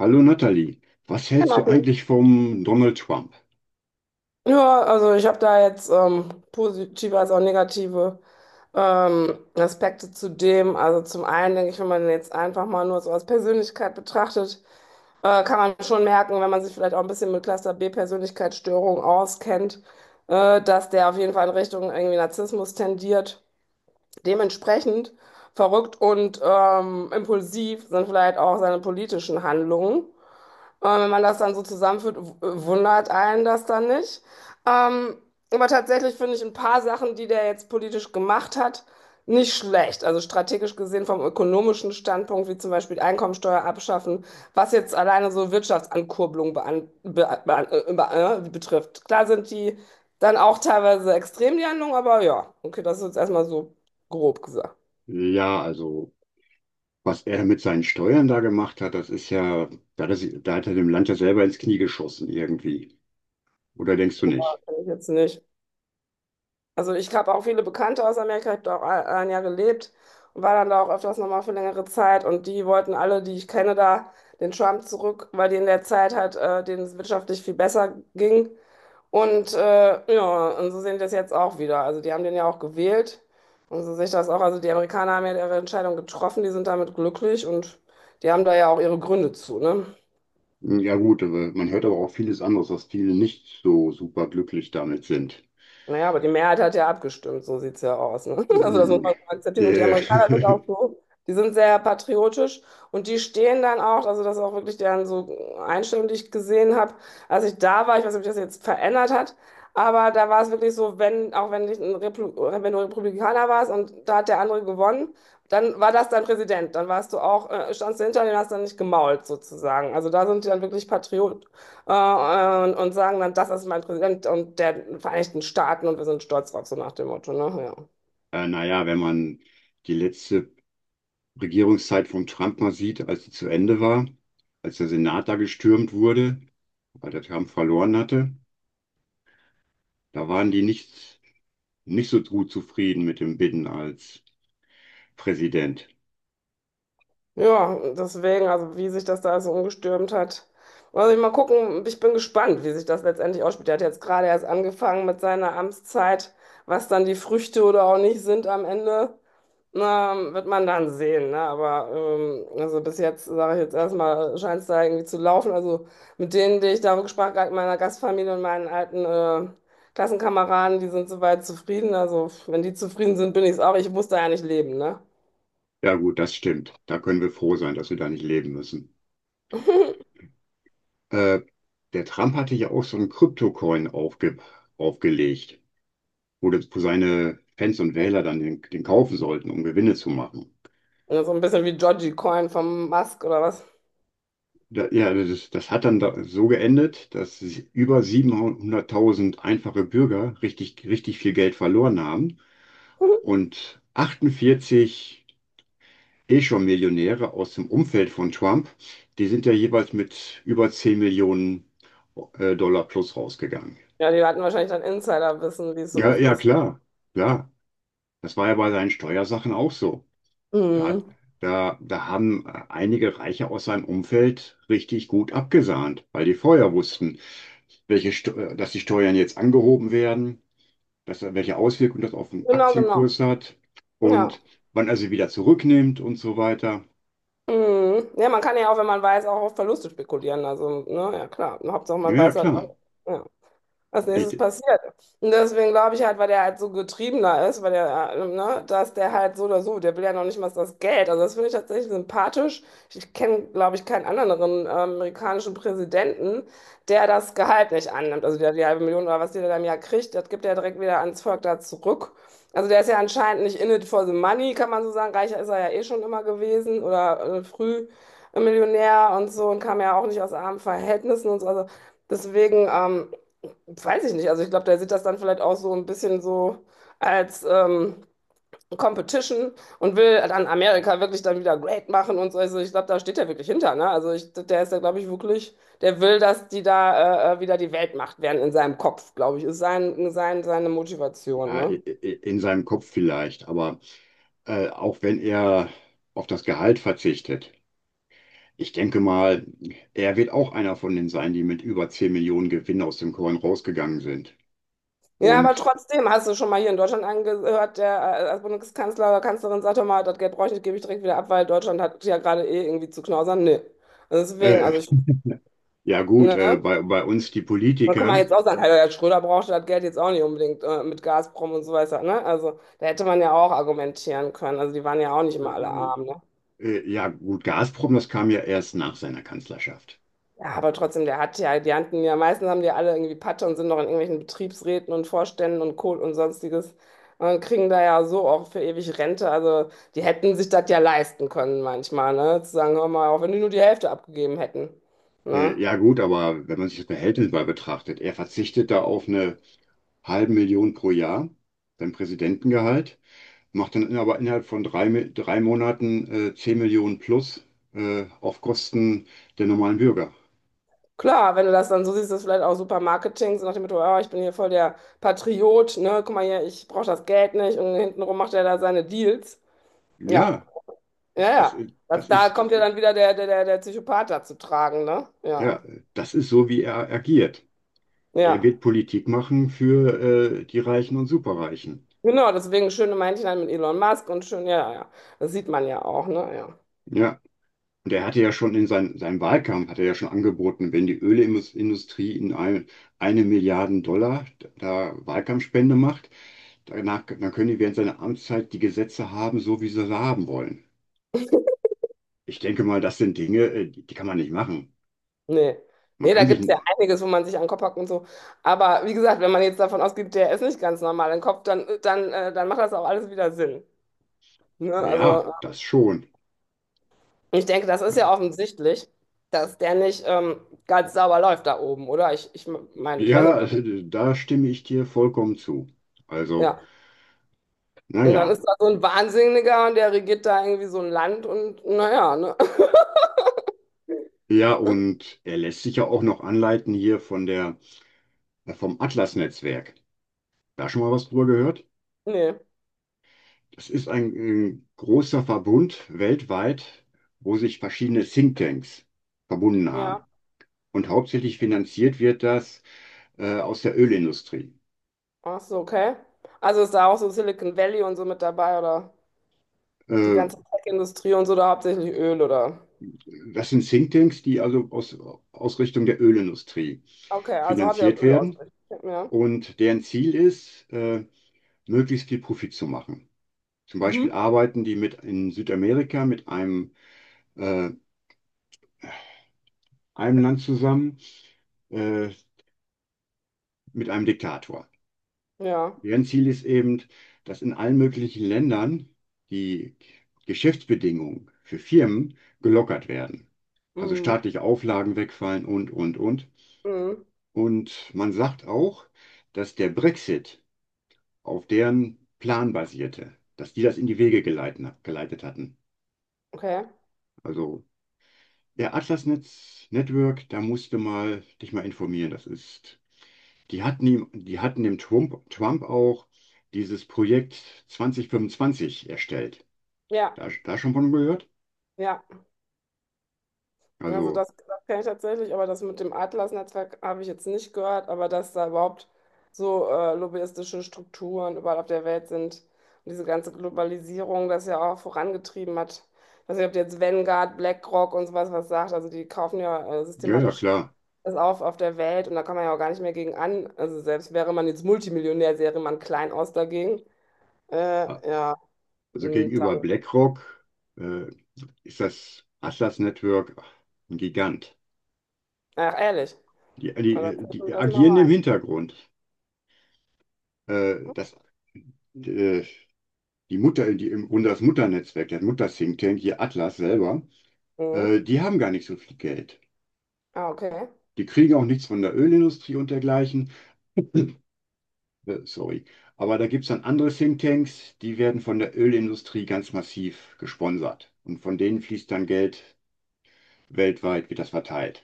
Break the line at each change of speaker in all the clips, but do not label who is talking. Hallo Nathalie, was
Hi,
hältst du
Martin.
eigentlich vom Donald Trump?
Ja, also ich habe da jetzt positive als auch negative Aspekte zu dem. Also zum einen denke ich, wenn man den jetzt einfach mal nur so als Persönlichkeit betrachtet, kann man schon merken, wenn man sich vielleicht auch ein bisschen mit Cluster B Persönlichkeitsstörung auskennt, dass der auf jeden Fall in Richtung irgendwie Narzissmus tendiert. Dementsprechend verrückt und impulsiv sind vielleicht auch seine politischen Handlungen. Aber wenn man das dann so zusammenführt, wundert einen das dann nicht. Ähm, aber tatsächlich finde ich ein paar Sachen, die der jetzt politisch gemacht hat, nicht schlecht. Also strategisch gesehen vom ökonomischen Standpunkt, wie zum Beispiel Einkommensteuer abschaffen, was jetzt alleine so Wirtschaftsankurbelung bean be betrifft. Klar sind die dann auch teilweise extrem, die Handlung, aber ja, okay, das ist jetzt erstmal so grob gesagt.
Ja, also was er mit seinen Steuern da gemacht hat, das ist ja, da hat er, da hat er dem Land ja selber ins Knie geschossen irgendwie. Oder denkst du nicht?
Kann ich jetzt nicht. Also ich habe auch viele Bekannte aus Amerika, ich habe da auch ein Jahr gelebt und war dann da auch öfters nochmal für längere Zeit und die wollten alle, die ich kenne, da den Trump zurück, weil die in der Zeit halt denen es wirtschaftlich viel besser ging. Und ja, und so sehen die das jetzt auch wieder. Also die haben den ja auch gewählt und so sehe ich das auch. Also die Amerikaner haben ja ihre Entscheidung getroffen, die sind damit glücklich und die haben da ja auch ihre Gründe zu, ne?
Ja gut, aber man hört aber auch vieles anderes, dass viele nicht so super glücklich damit sind.
Naja, aber die Mehrheit hat ja abgestimmt, so sieht es ja aus. Ne? Also das muss
Mm,
man akzeptieren. Und die
Äh,
Amerikaner sind auch so, die sind sehr patriotisch und die stehen dann auch, also das ist auch wirklich deren so Einstellung, die ich gesehen habe, als ich da war, ich weiß nicht, ob sich das jetzt verändert hat, aber da war es wirklich so, wenn, auch wenn, ich ein Replu wenn du Republikaner warst und da hat der andere gewonnen, dann war das dein Präsident, dann warst du auch, standst du hinter dem, hast dann nicht gemault sozusagen. Also da sind die dann wirklich und sagen dann, das ist mein Präsident und der Vereinigten Staaten und wir sind stolz drauf, so nach dem Motto, ne? Ja.
naja, wenn man die letzte Regierungszeit von Trump mal sieht, als sie zu Ende war, als der Senat da gestürmt wurde, weil der Trump verloren hatte. Da waren die nicht, nicht so gut zufrieden mit dem Biden als Präsident.
Ja, deswegen, also wie sich das da so umgestürmt hat. Also ich mal gucken, ich bin gespannt, wie sich das letztendlich ausspielt. Der hat jetzt gerade erst angefangen mit seiner Amtszeit, was dann die Früchte oder auch nicht sind am Ende. Na, wird man dann sehen, ne? Aber also bis jetzt, sage ich jetzt erstmal, scheint es da irgendwie zu laufen. Also mit denen, die ich da gesprochen habe, meiner Gastfamilie und meinen alten Klassenkameraden, die sind soweit zufrieden. Also wenn die zufrieden sind, bin ich es auch. Ich muss da ja nicht leben, ne?
Ja gut, das stimmt. Da können wir froh sein, dass wir da nicht leben müssen. Äh, Der Trump hatte ja auch so einen Kryptocoin aufgelegt, wo, wo seine Fans und Wähler dann den kaufen sollten, um Gewinne zu machen.
Und so ein bisschen wie Georgie Coin vom Musk oder was.
Da, ja, das hat dann da so geendet, dass über 700.000 einfache Bürger richtig, richtig viel Geld verloren haben und 48 eh schon Millionäre aus dem Umfeld von Trump, die sind ja jeweils mit über 10 Millionen Dollar plus rausgegangen.
Ja, die hatten wahrscheinlich dann Insiderwissen, wie es so
Ja,
oft
ja,
ist.
klar. Das war ja bei seinen Steuersachen auch so. Da, hat-
Mhm.
da haben einige Reiche aus seinem Umfeld richtig gut abgesahnt, weil die vorher wussten, dass die Steuern jetzt angehoben werden, welche Auswirkungen das auf den
Genau, genau.
Aktienkurs hat
Ja.
und wann er sie wieder zurücknimmt und so weiter.
Mhm. Ja, man kann ja auch, wenn man weiß, auch auf Verluste spekulieren. Also, ne, ja klar. Hauptsache
Ja,
man
ja,
weiß halt
klar.
was. Ja. als nächstes
Ich,
passiert. Und deswegen glaube ich halt, weil der halt so getriebener ist, weil der, ne, dass der halt so oder so, der will ja noch nicht mal das Geld. Also das finde ich tatsächlich sympathisch. Ich kenne, glaube ich, keinen anderen amerikanischen Präsidenten, der das Gehalt nicht annimmt. Also der die halbe Million oder was der da im Jahr kriegt, das gibt er direkt wieder ans Volk da zurück. Also der ist ja anscheinend nicht in it for the money, kann man so sagen. Reicher ist er ja eh schon immer gewesen oder früh Millionär und so und kam ja auch nicht aus armen Verhältnissen und so. Also deswegen, weiß ich nicht. Also ich glaube, der sieht das dann vielleicht auch so ein bisschen so als Competition und will dann Amerika wirklich dann wieder great machen und so. Also ich glaube, da steht er wirklich hinter, ne? Also ich, der ist ja, glaube ich, wirklich, der will, dass die da wieder die Weltmacht werden in seinem Kopf, glaube ich, ist seine Motivation,
Ja,
ne?
in seinem Kopf vielleicht, aber auch wenn er auf das Gehalt verzichtet. Ich denke mal, er wird auch einer von denen sein, die mit über 10 Millionen Gewinn aus dem Korn rausgegangen sind.
Ja, aber
Und
trotzdem, hast du schon mal hier in Deutschland angehört, der als Bundeskanzler oder Kanzlerin sagt doch mal, das Geld brauche ich nicht, gebe ich direkt wieder ab, weil Deutschland hat ja gerade eh irgendwie zu knausern. Nee. Also deswegen,
äh,
also ich,
ja gut,
ne?
bei uns die
Und guck mal,
Politiker,
jetzt auch sagen, hey, Herr Schröder brauchte das Geld jetzt auch nicht unbedingt mit Gazprom und so weiter, ne? Also da hätte man ja auch argumentieren können. Also die waren ja auch nicht
äh,
immer alle arm, ne?
ja gut, Gazprom, das kam ja erst nach seiner Kanzlerschaft.
Ja, aber trotzdem, der hat ja, die hatten ja, meistens haben die alle irgendwie Patte und sind noch in irgendwelchen Betriebsräten und Vorständen und Kohl und sonstiges und kriegen da ja so auch für ewig Rente. Also die hätten sich das ja leisten können manchmal, ne? Zu sagen, hör mal, auch wenn die nur die Hälfte abgegeben hätten, ne?
Ja gut, aber wenn man sich das Verhältnis mal betrachtet, er verzichtet da auf eine halbe Million pro Jahr, sein Präsidentengehalt. Macht dann aber innerhalb von drei Monaten 10 Millionen plus auf Kosten der normalen Bürger.
Klar, wenn du das dann so siehst, ist das vielleicht auch super Marketing, so nach dem Motto, oh, ich bin hier voll der Patriot, ne, guck mal hier, ich brauche das Geld nicht und hintenrum macht er da seine Deals. Ja,
Ja,
ja, ja. Das,
das
da
ist,
kommt ja dann wieder der Psychopath da zu tragen, ne?
ja,
Ja,
das ist so, wie er agiert. Er
ja.
wird Politik machen für die Reichen und Superreichen.
Genau, deswegen schöne Männchen halt mit Elon Musk und schön, ja, ja. ja. Das sieht man ja auch, ne? Ja.
Ja, und er hatte ja schon seinem Wahlkampf, hat er ja schon angeboten, wenn die Ölindustrie 1 Milliarde Dollar da Wahlkampfspende macht, danach, dann können die während seiner Amtszeit die Gesetze haben, so wie sie sie haben wollen. Ich denke mal, das sind Dinge, die kann man nicht machen.
Nee.
Man
Nee, da
kann
gibt es ja einiges, wo man sich an den Kopf hackt und so. Aber wie gesagt, wenn man jetzt davon ausgeht, der ist nicht ganz normal im Kopf, dann macht das auch alles wieder Sinn. Ne?
ja,
Also,
das schon.
Ich denke, das ist ja offensichtlich, dass der nicht ganz sauber läuft da oben, oder? Ich meine, ich weiß
Ja,
nicht, ob das,
da stimme ich dir vollkommen zu. Also,
ja. Und dann
naja.
ist da so ein Wahnsinniger und der regiert da irgendwie so ein Land und naja, ne?
Ja, Ja, und er lässt sich ja auch noch anleiten hier von vom Atlas-Netzwerk. Da schon mal was drüber gehört?
Nee,
Das ist ein, großer Verbund weltweit, wo sich verschiedene Thinktanks verbunden
ja.
haben. Und hauptsächlich finanziert wird das, aus der Ölindustrie.
Ach so, okay. Also ist da auch so Silicon Valley und so mit dabei oder die
Äh,
ganze Tech-Industrie und so, da hauptsächlich Öl oder?
Das sind Thinktanks, aus Richtung der Ölindustrie
Okay, also hat er
finanziert
Öl
werden
ausgerichtet. Ja.
und deren Ziel ist, möglichst viel Profit zu machen. Zum Beispiel
Mhm.
arbeiten die mit in Südamerika mit äh, einem Land zusammen, äh, mit einem Diktator.
Ja.
Deren Ziel ist eben, dass in allen möglichen Ländern die Geschäftsbedingungen für Firmen gelockert werden. Also
Mhm.
staatliche Auflagen wegfallen und.
Mhm.
Und man sagt auch, dass der Brexit auf deren Plan basierte, dass die das in die geleitet hatten.
Okay.
Also der Atlas Netz Network, da musst du mal dich mal informieren. Das ist, die hatten Trump auch dieses Projekt 2025 erstellt.
Ja.
Da, da schon von gehört?
Ja. Also
Also,
das kenne ich tatsächlich, aber das mit dem Atlas-Netzwerk habe ich jetzt nicht gehört, aber dass da überhaupt so lobbyistische Strukturen überall auf der Welt sind und diese ganze Globalisierung das ja auch vorangetrieben hat. Ich weiß nicht, ob dir jetzt Vanguard, BlackRock und sowas was sagt, also die kaufen ja
ja, ja,
systematisch
klar.
das auf der Welt und da kann man ja auch gar nicht mehr gegen an. Also selbst wäre man jetzt Multimillionär, sähe man klein aus dagegen. Ja,
Also
und
gegenüber
dann,
BlackRock äh, ist das Atlas Network ein Gigant.
ach ehrlich, das,
Die
das mal
agieren im
rein.
Hintergrund. Äh, das, äh, Die Mutter, im Grunde das Mutternetzwerk, der Mutter-Think Tank, hier Atlas selber,
Mhm.
die haben gar nicht so viel Geld.
Ah, okay.
Die kriegen auch nichts von der Ölindustrie und dergleichen. Sorry. Aber da gibt es dann andere Think Tanks, die werden von der Ölindustrie ganz massiv gesponsert. Und von denen fließt dann Geld weltweit, wird das verteilt.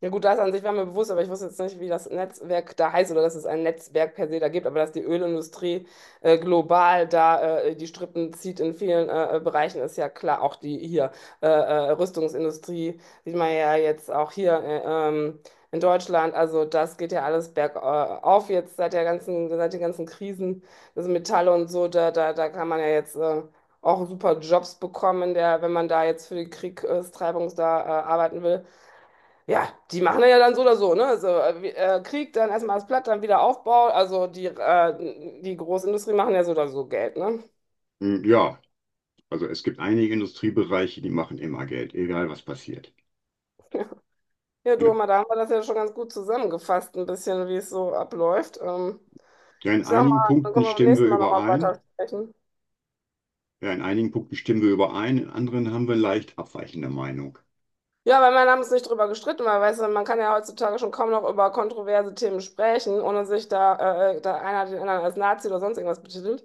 Ja gut, das an sich war mir bewusst, aber ich wusste jetzt nicht, wie das Netzwerk da heißt oder dass es ein Netzwerk per se da gibt, aber dass die Ölindustrie global da die Strippen zieht in vielen Bereichen, ist ja klar. Auch die hier Rüstungsindustrie sieht man ja jetzt auch hier ähm, in Deutschland. Also das geht ja alles bergauf jetzt seit der ganzen, seit den ganzen Krisen, das Metalle und so, da kann man ja jetzt auch super Jobs bekommen, der, wenn man da jetzt für die Kriegstreibung da arbeiten will. Ja, die machen das ja dann so oder so, ne? Also, Krieg, dann erstmal das Platt, dann wieder Aufbau. Also die, die Großindustrie machen ja so oder so Geld, ne?
Ja, also es gibt einige Industriebereiche, die machen immer Geld, egal was passiert.
Ja, du,
Ja,
mal, da haben wir das ja schon ganz gut zusammengefasst, ein bisschen, wie es so abläuft.
ja, in
Ich sag
einigen
mal, dann
Punkten
können wir beim
stimmen wir
nächsten Mal nochmal weiter
überein.
sprechen.
Ja, in einigen Punkten stimmen wir überein, in anderen haben wir leicht abweichende Meinung.
Ja, weil wir haben uns nicht drüber gestritten, weil weißt du, man kann ja heutzutage schon kaum noch über kontroverse Themen sprechen, ohne sich da, da einer den anderen als Nazi oder sonst irgendwas betitelt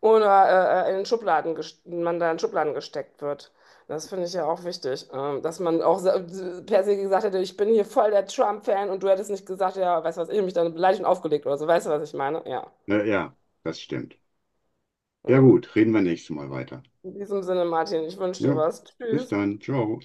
oder in den Schubladen man da in Schubladen gesteckt wird. Das finde ich ja auch wichtig, dass man auch per se gesagt hätte, ich bin hier voll der Trump-Fan und du hättest nicht gesagt, ja, weißt du was, ich hab mich dann beleidigt und aufgelegt oder so, weißt du, was ich meine? Ja.
Ja, ja, das stimmt. Ja
ja.
gut, reden wir nächstes Mal weiter.
In diesem Sinne, Martin, ich wünsche dir
Ja,
was.
bis
Tschüss.
dann. Ciao.